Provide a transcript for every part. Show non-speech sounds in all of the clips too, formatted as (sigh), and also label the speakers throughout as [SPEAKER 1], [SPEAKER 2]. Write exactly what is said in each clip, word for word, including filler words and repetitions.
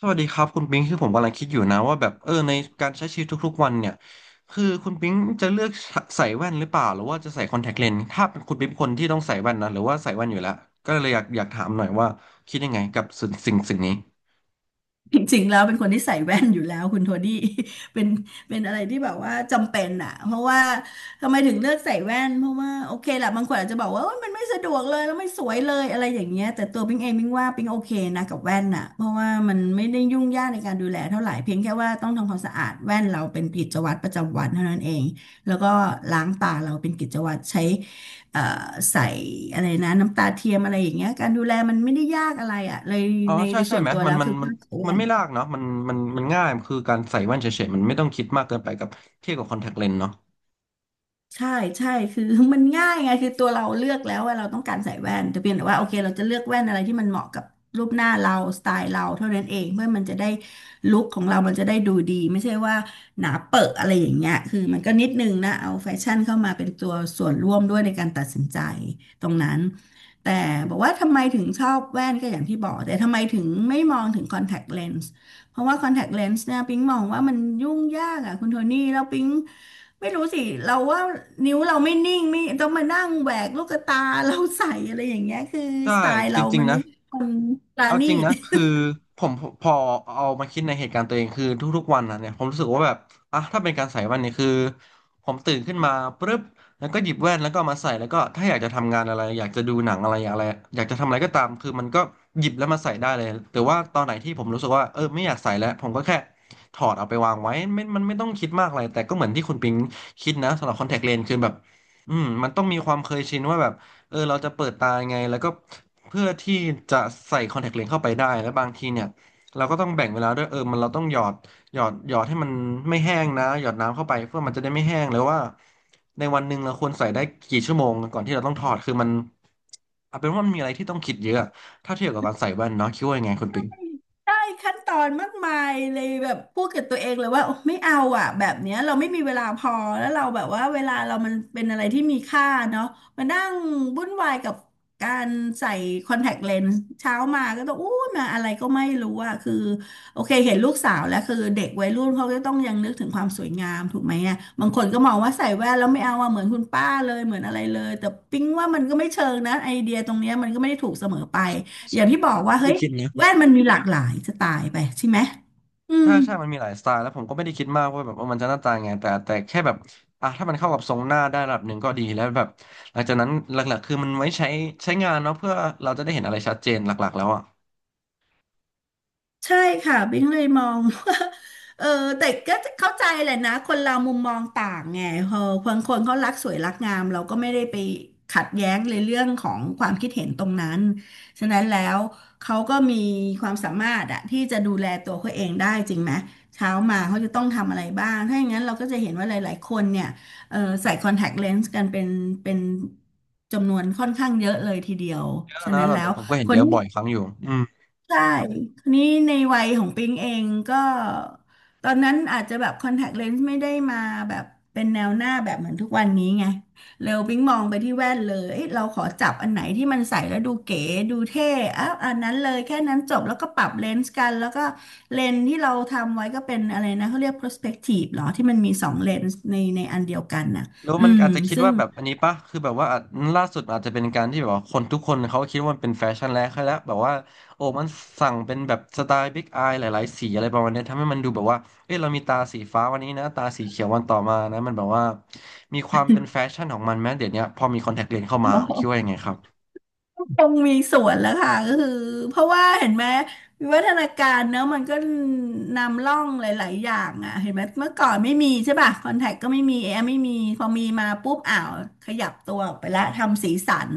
[SPEAKER 1] สวัสดีครับคุณปิงคือผมกำลังคิดอยู่นะว่าแบบเออในการใช้ชีวิตทุกๆวันเนี่ยคือคุณปิงจะเลือกใส่แว่นหรือเปล่าหรือว่าจะใส่คอนแทคเลนส์ถ้าเป็นคุณปิงเป็นคนที่ต้องใส่แว่นนะหรือว่าใส่แว่นอยู่แล้วก็เลยอยากอยากถามหน่อยว่าคิดยังไงกับสิ่งสิ่งสิ่งนี้
[SPEAKER 2] จริงๆแล้วเป็นคนที่ใส่แว่นอยู่แล้วคุณโทนี่ (laughs) เป็นเป็นอะไรที่แบบว่าจำเป็นอ่ะเพราะว่าทำไมถึงเลือกใส่แว่นเพราะว่าโอเคแหละบางคนอาจจะบอกว่าโอ๊ยมันไม่สะดวกเลยแล้วไม่สวยเลยอะไรอย่างเงี้ยแต่ตัวปิงเองปิงว่าปิงโอเคนะกับแว่นอ่ะเพราะว่ามันไม่ได้ยุ่งยากในการดูแลเท่าไหร่เพียงแค่ว่าต้องทำความสะอาดแว่นเราเป็นกิจวัตรประจำวันเท่านั้นเองแล้วก็ล้างตาเราเป็นกิจวัตรใช้เอ่อใส่อะไรนะน้ำตาเทียมอะไรอย่างเงี้ยการดูแลมันไม่ได้ยากอะไรอ่ะเลย
[SPEAKER 1] อ๋อ
[SPEAKER 2] ใน
[SPEAKER 1] ใช่
[SPEAKER 2] ใน
[SPEAKER 1] ใช่
[SPEAKER 2] ส่วน
[SPEAKER 1] ไหม
[SPEAKER 2] ตัว
[SPEAKER 1] มั
[SPEAKER 2] แล้
[SPEAKER 1] น
[SPEAKER 2] ว
[SPEAKER 1] มัน
[SPEAKER 2] คือ
[SPEAKER 1] มัน
[SPEAKER 2] ค่าใช้
[SPEAKER 1] มัน
[SPEAKER 2] จ่า
[SPEAKER 1] ไม่
[SPEAKER 2] ย
[SPEAKER 1] ยากเนาะมันมันมันง่ายคือการใส่แว่นเฉยๆมันไม่ต้องคิดมากเกินไปกับเทียบกับคอนแทคเลนส์เนาะ
[SPEAKER 2] ใช่ใช่คือ (laughs) มันง่ายไงคือตัวเราเลือกแล้วว่าเราต้องการใส่แว่นแต่เพียงแต่ว่าโอเคเราจะเลือกแว่นอะไรที่มันเหมาะกับรูปหน้าเราสไตล์เราเท่านั้นเองเพื่อมันจะได้ลุคของเรามันจะได้ดูดีไม่ใช่ว่าหนาเปอะอะไรอย่างเงี้ยคือมันก็นิดนึงนะเอาแฟชั่นเข้ามาเป็นตัวส่วนร่วมด้วยในการตัดสินใจตรงนั้นแต่บอกว่าทำไมถึงชอบแว่นก็อย่างที่บอกแต่ทำไมถึงไม่มองถึงคอนแทคเลนส์เพราะว่าคอนแทคเลนส์เนี่ยปิ๊งมองว่ามันยุ่งยากอ่ะคุณโทนี่แล้วปิ๊ง ไม่รู้สิเราว่านิ้วเราไม่นิ่งไม่ต้องมานั่งแหวกลูกตา (laughs) เราใส่อะไรอย่างเงี้ยคือ
[SPEAKER 1] ใช่
[SPEAKER 2] สไตล์
[SPEAKER 1] จ
[SPEAKER 2] เรา
[SPEAKER 1] ริง
[SPEAKER 2] มัน
[SPEAKER 1] ๆ
[SPEAKER 2] ไม่
[SPEAKER 1] นะ
[SPEAKER 2] ใช่คนปรา
[SPEAKER 1] เอา
[SPEAKER 2] ณี
[SPEAKER 1] จริง
[SPEAKER 2] ต
[SPEAKER 1] นะคือผมพอเอามาคิดในเหตุการณ์ตัวเองคือทุกๆวันนะเนี่ยผมรู้สึกว่าแบบอ่ะถ้าเป็นการใส่แว่นเนี่ยคือผมตื่นขึ้นมาปุ๊บแล้วก็หยิบแว่นแล้วก็เอามาใส่แล้วก็ถ้าอยากจะทำงานอะไรอยากจะดูหนังอะไรอยากอะไรอยากจะทำอะไรก็ตามคือมันก็หยิบแล้วมาใส่ได้เลยแต่ว่าตอนไหนที่ผมรู้สึกว่าเออไม่อยากใส่แล้วผมก็แค่ถอดเอาไปวางไว้ไม่มันไม่ต้องคิดมากอะไรแต่ก็เหมือนที่คุณปิงคิดนะสำหรับคอนแทคเลนส์คือแบบอืมมันต้องมีความเคยชินว่าแบบ เออเราจะเปิดตายังไงแล้วก็เพื่อที่จะใส่คอนแทคเลนส์เข้าไปได้แล้วบางทีเนี่ยเราก็ต้องแบ่งเวลาด้วยเออมันเราต้องหยอดหยอดหยอดให้มันไม่แห้งนะหยอดน้ำเข้าไปเพื่อมันจะได้ไม่แห้งแล้วว่าในวันหนึ่งเราควรใส่ได้กี่ชั่วโมงก่อนที่เราต้องถอดคือมันเอาเป็นว่ามันมีอะไรที่ต้องคิดเยอะถ้าเทียบกับการใส่แว่นเนาะคิดว่ายังไงคุณปิง
[SPEAKER 2] ได้ขั้นตอนมากมายเลยแบบพูดกับตัวเองเลยว่าโอไม่เอาอ่ะแบบเนี้ยเราไม่มีเวลาพอแล้วเราแบบว่าเวลาเรามันเป็นอะไรที่มีค่าเนาะมานั่งวุ่นวายกับการใส่คอนแทคเลนส์เช้ามาก็ต้องอู้มาอะไรก็ไม่รู้อ่ะคือโอเคเห็นลูกสาวแล้วคือเด็กวัยรุ่นเขาก็ต้องยังนึกถึงความสวยงามถูกไหมอ่ะบางคนก็มองว่าใส่แว่นแล้วไม่เอาอ่ะเหมือนคุณป้าเลยเหมือนอะไรเลยแต่ปิ๊งว่ามันก็ไม่เชิงนะไอเดียตรงเนี้ยมันก็ไม่ได้ถูกเสมอไปอย่างที่บอกว่าเฮ้ย แว่นมันมีหลากหลายจะตายไปใช่ไหมอื
[SPEAKER 1] ใช่
[SPEAKER 2] ม
[SPEAKER 1] ใช่มันมีหลายสไตล์แล้วผมก็ไม่ได้คิดมากว่าแบบว่ามันจะหน้าตายังไงแต่แต่แค่แบบอ่ะถ้ามันเข้ากับทรงหน้าได้ระดับหนึ่งก็ดีแล้วแบบ หลังจากนั้นหลักๆคือมันไว้ใช้ใช้งานเนาะเพื่อเราจะได้เห็นอะไรชัดเจนหลักๆแล้วอ่ะ
[SPEAKER 2] ใช่ค่ะบิ๊งเลยมอง (laughs) ว่าเออแต่ก็เข้าใจแหละนะคนเรามุมมองต่างไงพอบางคนเขารักสวยรักงามเราก็ไม่ได้ไปขัดแย้งในเรื่องของความคิดเห็นตรงนั้นฉะนั้นแล้วเขาก็มีความสามารถอะที่จะดูแลตัวเขาเองได้จริงไหมเช้ามาเขาจะต้องทำอะไรบ้างถ้าอย่างนั้นเราก็จะเห็นว่าหลายๆคนเนี่ยเออใส่คอนแทคเลนส์กันเป็นเป็นจำนวนค่อนข้างเยอะเลยทีเดียว
[SPEAKER 1] เยอะ
[SPEAKER 2] ฉะ
[SPEAKER 1] นะ
[SPEAKER 2] นั้น
[SPEAKER 1] ระดับ
[SPEAKER 2] แล้
[SPEAKER 1] หนึ่
[SPEAKER 2] ว
[SPEAKER 1] งผมก็เห็น
[SPEAKER 2] ค
[SPEAKER 1] เย
[SPEAKER 2] น
[SPEAKER 1] อะ
[SPEAKER 2] ที่
[SPEAKER 1] บ่อยครั้งอยู่อืม
[SPEAKER 2] ใช่คราวนี้ในวัยของปิงเองก็ตอนนั้นอาจจะแบบคอนแทคเลนส์ไม่ได้มาแบบเป็นแนวหน้าแบบเหมือนทุกวันนี้ไง เร็วปิงมองไปที่แว่นเลยเอ้ยเราขอจับอันไหนที่มันใส่แล้วดูเก๋ดูเท่อ้าวอันนั้นเลยแค่นั้นจบแล้วก็ปรับเลนส์กันแล้วก็เลนส์ที่เราทำไว้ก็เป็นอะไรนะเขาเรียก prospective เหรอที่มันมีสองเลนส์ในในอันเดียวกันน่ะ
[SPEAKER 1] แล้ว
[SPEAKER 2] อื
[SPEAKER 1] มัน
[SPEAKER 2] ม
[SPEAKER 1] อาจจะคิด
[SPEAKER 2] ซึ่ง
[SPEAKER 1] ว่าแบบอันนี้ปะคือแบบว่าอาจล่าสุดอาจจะเป็นการที่แบบว่าคนทุกคนเขาคิดว่ามันเป็นแฟชั่นแล้วแล้วแบบว่าโอ้มันสั่งเป็นแบบสไตล์บิ๊กอายหลายๆสีอะไรประมาณเนี้ยทำให้มันดูแบบว่าเอ้ยเรามีตาสีฟ้าวันนี้นะตาสีเขียววันต่อมานะมันแบบว่ามีความเป็นแฟชั่นของมันแม้เดี๋ยวเนี้ยพอมีคอนแทคเลนส์เข้ามาคิดว่ายังไงครับ
[SPEAKER 2] คงมีส่วนแล้วค่ะก็คือเพราะว่าเห็นไหมวิวัฒนาการเนอะมันก็นำร่องหลายๆอย่างอ่ะเห็นไหมเมื่อก่อนไม่มีใช่ป่ะคอนแทคก็ไม่มีแอร์ไม่มีพอมีมาปุ๊บอ้าวขยับตัวออกไปละทำสีสัน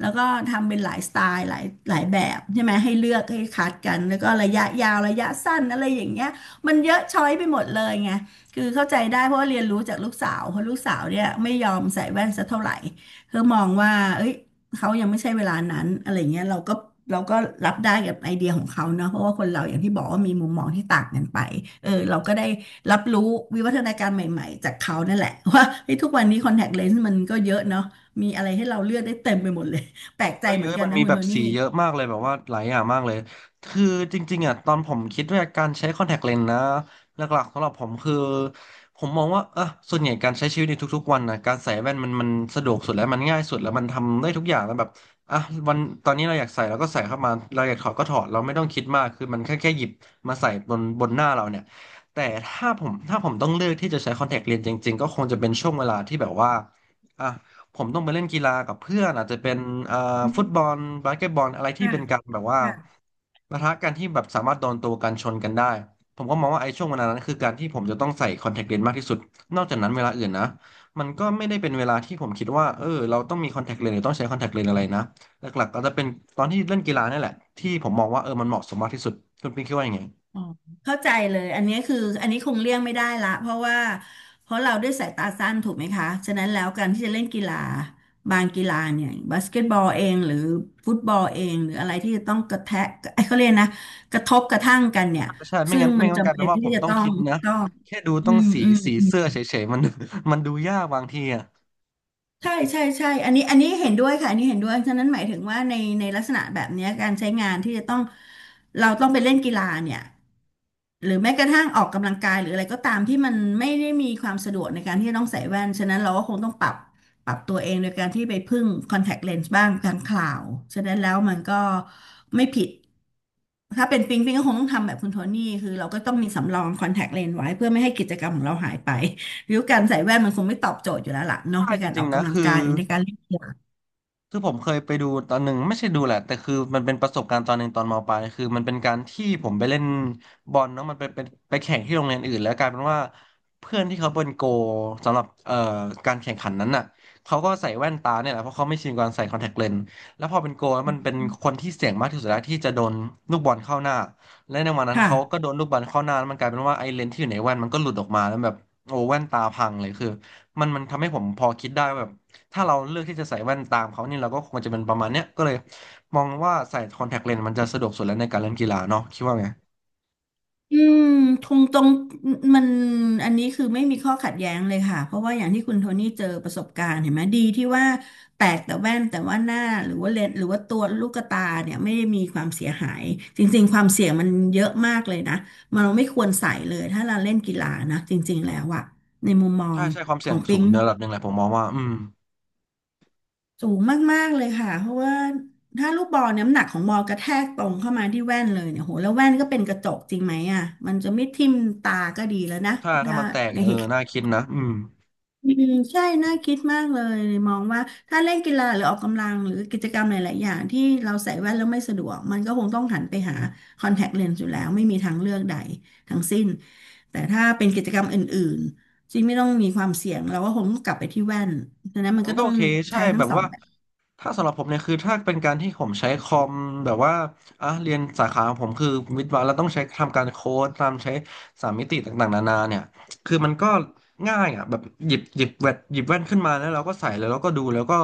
[SPEAKER 2] แล้วก็ทำเป็นหลายสไตล์หลายหลายแบบใช่ไหมให้เลือกให้คัดกันแล้วก็ระยะยาวระยะสั้นอะไรอย่างเงี้ยมันเยอะช้อยไปหมดเลยไงคือเข้าใจได้เพราะว่าเรียนรู้จากลูกสาวเพราะลูกสาวเนี่ยไม่ยอมใส่แว่นสักเท่าไหร่เธอมองว่าเอ้ย เขายังไม่ใช่เวลานั้นอะไรเงี้ยเราก็เราก็รับได้กับไอเดียของเขาเนาะเพราะว่าคนเราอย่างที่บอกว่ามีมุมมองที่ต่างกันไปเออเราก็ได้รับรู้วิวัฒนาการใหม่ๆจากเขานั่นแหละ (laughs) ว่าเฮ้ยทุกวันนี้คอนแทคเลนส์มันก็เยอะเนาะมีอะไรให้เราเลือกได้เต็มไปหมดเลย (laughs) แปลกใจเห
[SPEAKER 1] เย
[SPEAKER 2] มือน
[SPEAKER 1] อะ
[SPEAKER 2] กั
[SPEAKER 1] ๆ
[SPEAKER 2] น
[SPEAKER 1] มัน
[SPEAKER 2] นะ
[SPEAKER 1] มี
[SPEAKER 2] คุ
[SPEAKER 1] แบ
[SPEAKER 2] ณโท
[SPEAKER 1] บ
[SPEAKER 2] นี่
[SPEAKER 1] สีเยอะมากเลยแบบว่าหลายอย่างมากเลยคือจริงๆอ่ะตอนผมคิดว่าการใช้คอนแทคเลนส์นะหลักๆสำหรับผมคือผมมองว่าเออส่วนใหญ่การใช้ชีวิตในทุกๆวันนะการใส่แว่นมันมันสะดวกสุดแล้วมันง่ายสุดแล้วมันทำได้ทุกอย่างแล้วแบบอ่ะวันตอนนี้เราอยากใส่เราก็ใส่เข้ามาเราอยากถอดก็ถอดเราไม่ต้องคิดมากคือมันแค่แค่หยิบมาใส่บนบนหน้าเราเนี่ยแต่ถ้าผมถ้าผมต้องเลือกที่จะใช้คอนแทคเลนส์จริงๆก็คงจะเป็นช่วงเวลาที่แบบว่าอ่ะ ผมต้องไปเล่นกีฬากับเพื่อนอาจจะเป็นเอ่อ
[SPEAKER 2] อื
[SPEAKER 1] ฟุตบ
[SPEAKER 2] ม
[SPEAKER 1] อลบาสเกตบอลอะไรที่
[SPEAKER 2] ค่ะ
[SPEAKER 1] เป็นการแบบว่า
[SPEAKER 2] ค่ะ
[SPEAKER 1] ปะทะกันที่แบบสามารถโดนตัวกันชนกันได้ผมก็มองว่าไอ้ช่วงเวลานั้นคือการที่ผมจะต้องใส่คอนแทคเลนส์มากที่สุดนอกจากนั้นเวลาอื่นนะมันก็ไม่ได้เป็นเวลาที่ผมคิดว่าเออเราต้องมีคอนแทคเลนส์หรือต้องใช้คอนแทคเลนส์อะไรนะหลักๆก็จะเป็นตอนที่เล่นกีฬานี่แหละที่ผมมองว่าเออมันเหมาะสมมากที่สุดคุณปิ๊งคิดว่ายังไง
[SPEAKER 2] อ๋อเข้าใจเลยอันนี้คืออันนี้คงเลี่ยงไม่ได้ละเพราะว่าเพราะเราด้วยสายตาสั้นถูกไหมคะฉะนั้นแล้วการที่จะเล่นกีฬาบางกีฬาเนี่ยบาสเกตบอลเองหรือฟุตบอลเองหรืออะไรที่จะต้องกระแทะไอ้เขาเรียกนะกระทบกระทั่งกันเนี่ย
[SPEAKER 1] ใช่ไม่
[SPEAKER 2] ซึ่ง
[SPEAKER 1] งั้นไม่
[SPEAKER 2] มัน
[SPEAKER 1] งั้นมันก
[SPEAKER 2] จำ
[SPEAKER 1] ลาย
[SPEAKER 2] เป็
[SPEAKER 1] เป็น
[SPEAKER 2] น
[SPEAKER 1] ว่า
[SPEAKER 2] ที่
[SPEAKER 1] ผม
[SPEAKER 2] จะ
[SPEAKER 1] ต้อง
[SPEAKER 2] ต้อ
[SPEAKER 1] คิ
[SPEAKER 2] ง
[SPEAKER 1] ดนะ
[SPEAKER 2] ต้อง
[SPEAKER 1] แค่ดู
[SPEAKER 2] อื
[SPEAKER 1] ต้อง
[SPEAKER 2] ม
[SPEAKER 1] สี
[SPEAKER 2] อื
[SPEAKER 1] สีเสื้อ
[SPEAKER 2] ม
[SPEAKER 1] เฉยๆมัน (laughs) มันดูยากบางทีอะ
[SPEAKER 2] ใช่ใช่ใช่อันนี้อันนี้เห็นด้วยค่ะอันนี้เห็นด้วย ฉะนั้นหมายถึงว่าในในลักษณะแบบเนี้ยการใช้งานที่จะต้องเราต้องไปเล่นกีฬาเนี่ยหรือแม้กระทั่งออกกำลังกายหรืออะไรก็ตามที่มันไม่ได้มีความสะดวกในการที่จะต้องใส่แว่นฉะนั้นเราก็คงต้องปรับปรับตัวเองโดยการที่ไปพึ่งคอนแทคเลนส์บ้างกลางคราวฉะนั้นแล้วมันก็ไม่ผิดถ้าเป็นปิงปิงก็คงต้องทำแบบคุณโทนี่คือเราก็ต้องมีสำรองคอนแทคเลนส์ไว้เพื่อไม่ให้กิจกรรมของเราหายไป ริ้วการใส่แว่นมันคงไม่ตอบโจทย์อยู่แล้วล่ะเนาะ
[SPEAKER 1] ใช่
[SPEAKER 2] ใน
[SPEAKER 1] จ
[SPEAKER 2] การอ
[SPEAKER 1] ริง
[SPEAKER 2] อก
[SPEAKER 1] ๆนะ
[SPEAKER 2] กำลัง
[SPEAKER 1] คื
[SPEAKER 2] กา
[SPEAKER 1] อ
[SPEAKER 2] ยหรือในการเล่นกีฬา
[SPEAKER 1] คือผมเคยไปดูตอนหนึ่งไม่ใช่ดูแหละแต่คือมันเป็นประสบการณ์ตอนหนึ่งตอนมปลายคือมันเป็นการที่ผมไปเล่นบอลเนาะมันเป็นเป็นไปแข่งที่โรงเรียนอื่นแล้วกลายเป็นว่าเพื่อนที่เขาเป็นโกลสำหรับเอ่อการแข่งขันนั้นน่ะเขาก็ใส่แว่นตาเนี่ยแหละเพราะเขาไม่ชินกับการใส่คอนแทคเลนส์แล้วพอเป็นโกลแล้วมันเป็นคนที่เสี่ยงมากที่สุดแล้วที่จะโดนลูกบอลเข้าหน้าและในวันนั้น
[SPEAKER 2] ค่ะ
[SPEAKER 1] เขาก็โดนลูกบอลเข้าหน้าแล้วมันกลายเป็นว่าไอ้เลนส์ที่อยู่ในแว่นมันก็หลุดออกมาแล้วแบบโอ้แว่นตาพังเลยคือมันมันทำให้ผมพอคิดได้ว่าแบบ ถ้าเราเลือกที่จะใส่แว่นตามเขานี่เราก็คงจะเป็นประมาณเนี้ยก็เลยมองว่าใส่คอนแทคเลนส์มันจะสะดวกสุดแล้วในการเล่นกีฬาเนาะคิดว่าไง
[SPEAKER 2] อืมตรงตรงมันอันนี้คือไม่มีข้อขัดแย้งเลยค่ะเพราะว่าอย่างที่คุณโทนี่เจอประสบการณ์เห็นไหมดีที่ว่าแตกแต่แว่นแต่ว่าหน้าหรือว่าเลนส์หรือว่าตัวลูกตาเนี่ยไม่ได้มีความเสียหายจริงๆความเสี่ยงมันเยอะมากเลยนะมันเราไม่ควรใส่เลยถ้าเราเล่นกีฬานะจริงๆแล้วอะในมุมมอ
[SPEAKER 1] ใช่
[SPEAKER 2] ง
[SPEAKER 1] ใช่ความ
[SPEAKER 2] ข
[SPEAKER 1] เสี่
[SPEAKER 2] อ
[SPEAKER 1] ยง
[SPEAKER 2] ง
[SPEAKER 1] สู
[SPEAKER 2] ปิ
[SPEAKER 1] ง
[SPEAKER 2] ง
[SPEAKER 1] ในระดับหนึ่งแหละผมมองว่าอืม
[SPEAKER 2] สูงมากๆเลยค่ะเพราะว่าถ้าลูกบอลน้ำหนักของบอลกระแทกตรงเข้ามาที่แว่นเลยเนี่ยโหแล้วแว่นก็เป็นกระจกจริงไหมอ่ะมันจะไม่ทิ่มตาก็ดีแล้วนะ
[SPEAKER 1] ถ้าถ้า
[SPEAKER 2] ถ้า
[SPEAKER 1] มันแตก
[SPEAKER 2] ใน
[SPEAKER 1] เออ
[SPEAKER 2] เหตุการ
[SPEAKER 1] น่า
[SPEAKER 2] ณ์
[SPEAKER 1] คิดนะอืม
[SPEAKER 2] อืมใช่น่าคิดมากเลยมองว่าถ้าเล่นกีฬาหรือออกกำลังหรือกิจกรรมหลายๆอย่างที่เราใส่แว่นแล้วไม่สะดวกมันก็คงต้องหันไปหาคอนแทคเลนส์อยู่แล้วไม่มีทางเลือกใดทั้งสิ้นแต่ถ้าเป็นกิจกรรมอื่นๆที่ไม่ต้องมีความเสี่ยงเราก็คงต้องกลับไปที่แว่นดังนั้นมั
[SPEAKER 1] อัน
[SPEAKER 2] นก็
[SPEAKER 1] นั้นก็
[SPEAKER 2] ต้อ
[SPEAKER 1] โอ
[SPEAKER 2] ง
[SPEAKER 1] เคใช่
[SPEAKER 2] ใช้ทั้
[SPEAKER 1] แบ
[SPEAKER 2] ง
[SPEAKER 1] บ
[SPEAKER 2] สอง
[SPEAKER 1] ว่า
[SPEAKER 2] แบบ
[SPEAKER 1] ถ้าสำหรับผมเนี่ยคือถ้าเป็นการที่ผมใช้คอมแบบว่าอ่ะเรียนสาขาของผมคือวิทย์วะแล้วต้องใช้ทำการโค้ดตามใช้สามมิติต่างๆนานาเนี่ยคือมันก็ง่ายอ่ะแบบหยิบหยิบแว่นหยิบแว่นขึ้นมาแล้วเราก็ใส่แล้แล้วเราก็ดูแล้วก็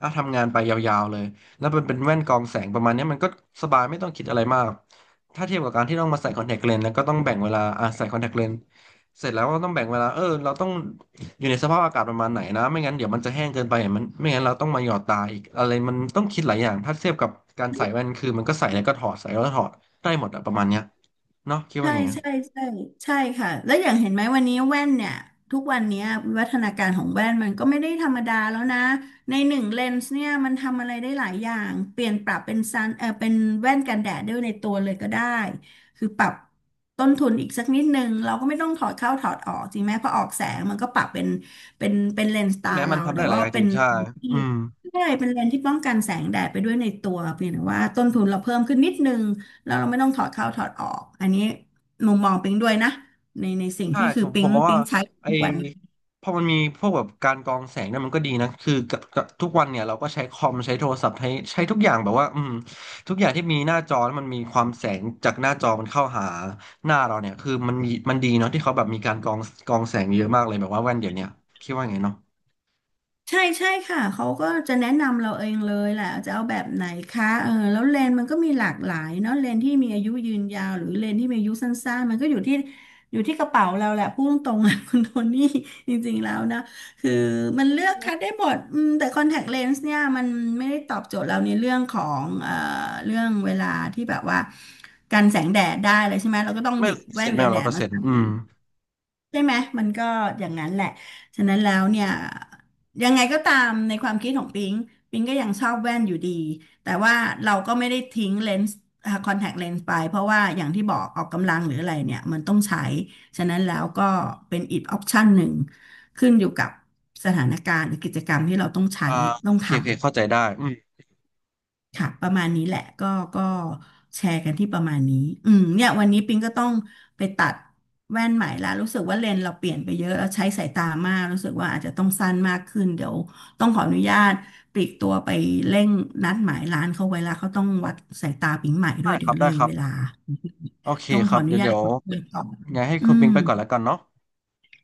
[SPEAKER 1] อ่ะทำงานไปยาวๆเลยแล้วมันเป็นแว่นกรองแสงประมาณเนี้ยมันก็สบายไม่ต้องคิดอะไรมากถ้าเทียบกับการที่ต้องมาใส่คอนแทคเลนส์แล้วก็ต้องแบ่งเวลาอ่ะใส่คอนแทคเลนส์ เสร็จแล้วเราต้องแบ่งเวลาเออเราต้องอยู่ในสภาพอากาศประมาณไหนนะไม่งั้นเดี๋ยวมันจะแห้งเกินไปมันไม่งั้นเราต้องมาหยอดตาอีกอะไรมันต้องคิดหลายอย่างถ้าเทียบกับการใส่แว่นคือมันก็ใส่แล้วก็ถอดใส่แล้วก็ถอดได้หมดอะประมาณเนี้ยเนาะคิดว่า
[SPEAKER 2] ใช่
[SPEAKER 1] ไงอะ
[SPEAKER 2] ใช่ใช่ใช่ค่ะแล้วอย่างเห็นไหมวันนี้แว่นเนี่ยทุกวันเนี้ยวิวัฒนาการของแว่นมันก็ไม่ได้ธรรมดาแล้วนะในหนึ่งเลนส์เนี่ยมันทำอะไรได้หลายอย่างเปลี่ยนปรับเป็นซันเออเป็นแว่นกันแดดด้วยในตัวเลยก็ได้คือปรับต้นทุนอีกสักนิดนึงเราก็ไม่ต้องถอดเข้าถอดออกจริงไหมเพอออกแสงมันก็ปรับเป็นเป็นเป็นเลนส์ตา
[SPEAKER 1] แม้มั
[SPEAKER 2] เรา
[SPEAKER 1] นทำ
[SPEAKER 2] แต่
[SPEAKER 1] ได้หลาย
[SPEAKER 2] ว่า
[SPEAKER 1] อย่างจ
[SPEAKER 2] เป็
[SPEAKER 1] ริง
[SPEAKER 2] น
[SPEAKER 1] ใช่
[SPEAKER 2] ที่
[SPEAKER 1] อืม
[SPEAKER 2] ใช่เป็นเลนส์ที่ป้องกันแสงแดดไปด้วยในตัวเพียงแต่ว่าต้นทุนเราเพิ่มขึ้นนิดนึงแล้วเราไม่ต้องถอดเข้าถอดออกอันนี้ มุมมองปิงด้วยนะในในสิ่ง
[SPEAKER 1] ใช่
[SPEAKER 2] ที่คื
[SPEAKER 1] ผ
[SPEAKER 2] อ
[SPEAKER 1] ม
[SPEAKER 2] ปิ
[SPEAKER 1] ผม
[SPEAKER 2] ง
[SPEAKER 1] มอง
[SPEAKER 2] ปิ
[SPEAKER 1] ว่า
[SPEAKER 2] งใช้
[SPEAKER 1] ไอ้
[SPEAKER 2] ทุกวัน
[SPEAKER 1] พอมันมีพวกแบบการกรองแสงเนี่ยมันก็ดีนะคือกับกับทุกวันเนี่ยเราก็ใช้คอมใช้โทรศัพท์ใช้ใช้ทุกอย่างแบบว่าอืมทุกอย่างที่มีหน้าจอแล้วมันมีความแสงจากหน้าจอมันเข้าหาหน้าเราเนี่ยคือมันมีมันดีเนาะที่เขาแบบมีการกรองกรองแสงเยอะมากเลยแบบว่าแว่นเดี๋ยวเนี้ยคิดว่าไงเนาะ
[SPEAKER 2] ใช่ใช่ค่ะเขาก็จะแนะนำเราเองเลยแหละจะเอาแบบไหนคะเออแล้วเลนมันก็มีหลากหลายเนาะเลนที่มีอายุยืนยาวหรือเลนที่มีอายุสั้นๆมันก็อยู่ที่อยู่ที่กระเป๋าเราแหละพูดตรงๆนะ (laughs) คุณโทนี่จริงๆแล้วนะคือมันเลือกคัดได้หมดอืมแต่คอนแทคเลนส์เนี่ยมันไม่ได้ตอบโจทย์เราในเรื่องของเอ่อเรื่องเวลาที่แบบว่ากันแสงแดดได้เลยใช่ไหมเราก็ต้องห
[SPEAKER 1] ไม่
[SPEAKER 2] ยิบ
[SPEAKER 1] เส
[SPEAKER 2] แว่
[SPEAKER 1] ร็จ
[SPEAKER 2] น
[SPEAKER 1] ไม่
[SPEAKER 2] กันแด
[SPEAKER 1] ร้อยเป
[SPEAKER 2] ด
[SPEAKER 1] อร์
[SPEAKER 2] มา
[SPEAKER 1] เซ็นต์
[SPEAKER 2] ใส่
[SPEAKER 1] อืม
[SPEAKER 2] ใช่ไหมมันก็อย่างนั้นแหละฉะนั้นแล้วเนี่ยยังไงก็ตามในความคิดของปิงปิงก็ยังชอบแว่นอยู่ดีแต่ว่าเราก็ไม่ได้ทิ้งเลนส์คอนแทคเลนส์ไปเพราะว่าอย่างที่บอกออกกำลังหรืออะไรเนี่ยมันต้องใช้ฉะนั้นแล้วก็เป็นอีกออปชันหนึ่งขึ้นอยู่กับสถานการณ์หรือกิจกรรมที่เราต้องใช้
[SPEAKER 1] อ่า
[SPEAKER 2] ต้อง
[SPEAKER 1] โอเคโอเคเข้า
[SPEAKER 2] ทำ
[SPEAKER 1] ใจได้อืม
[SPEAKER 2] ค่ะประมาณนี้แหละก็ก็แชร์กันที่ประมาณนี้อืมเนี่ยวันนี้ปิงก็ต้องไปตัดแว่นใหม่ละรู้สึกว่าเลนส์เราเปลี่ยนไปเยอะแล้วใช้สายตามากรู้สึกว่าอาจจะต้องสั้นมากขึ้นเดี๋ยวต้องขออนุญาตปลีกตัวไปเร่งนัดหมายร้านเขาไว้ละเขาต้องวัดสายตาปิงใหม่ด้ว
[SPEAKER 1] ได้
[SPEAKER 2] ย
[SPEAKER 1] ค
[SPEAKER 2] เดี๋ย
[SPEAKER 1] รั
[SPEAKER 2] ว
[SPEAKER 1] บ
[SPEAKER 2] เล
[SPEAKER 1] ได้
[SPEAKER 2] ย
[SPEAKER 1] ครับ
[SPEAKER 2] เวลา
[SPEAKER 1] โอเค
[SPEAKER 2] ต้อง
[SPEAKER 1] ค
[SPEAKER 2] ข
[SPEAKER 1] รั
[SPEAKER 2] อ
[SPEAKER 1] บ
[SPEAKER 2] อนุ
[SPEAKER 1] เดี๋ยว
[SPEAKER 2] ญา
[SPEAKER 1] เดี๋
[SPEAKER 2] ต
[SPEAKER 1] ยว
[SPEAKER 2] ขอเปิดก่อน
[SPEAKER 1] ไงให้
[SPEAKER 2] อื
[SPEAKER 1] คุณปิง
[SPEAKER 2] ม
[SPEAKER 1] ไปก่อนแล้วกันเนาะ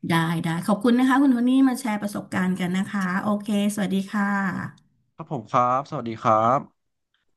[SPEAKER 2] ได้ได้ขอบคุณนะคะคุณโทนี่มาแชร์ประสบการณ์กันนะคะโอเคสวัสดีค่ะ
[SPEAKER 1] ครับผมครับสวัสดีครับ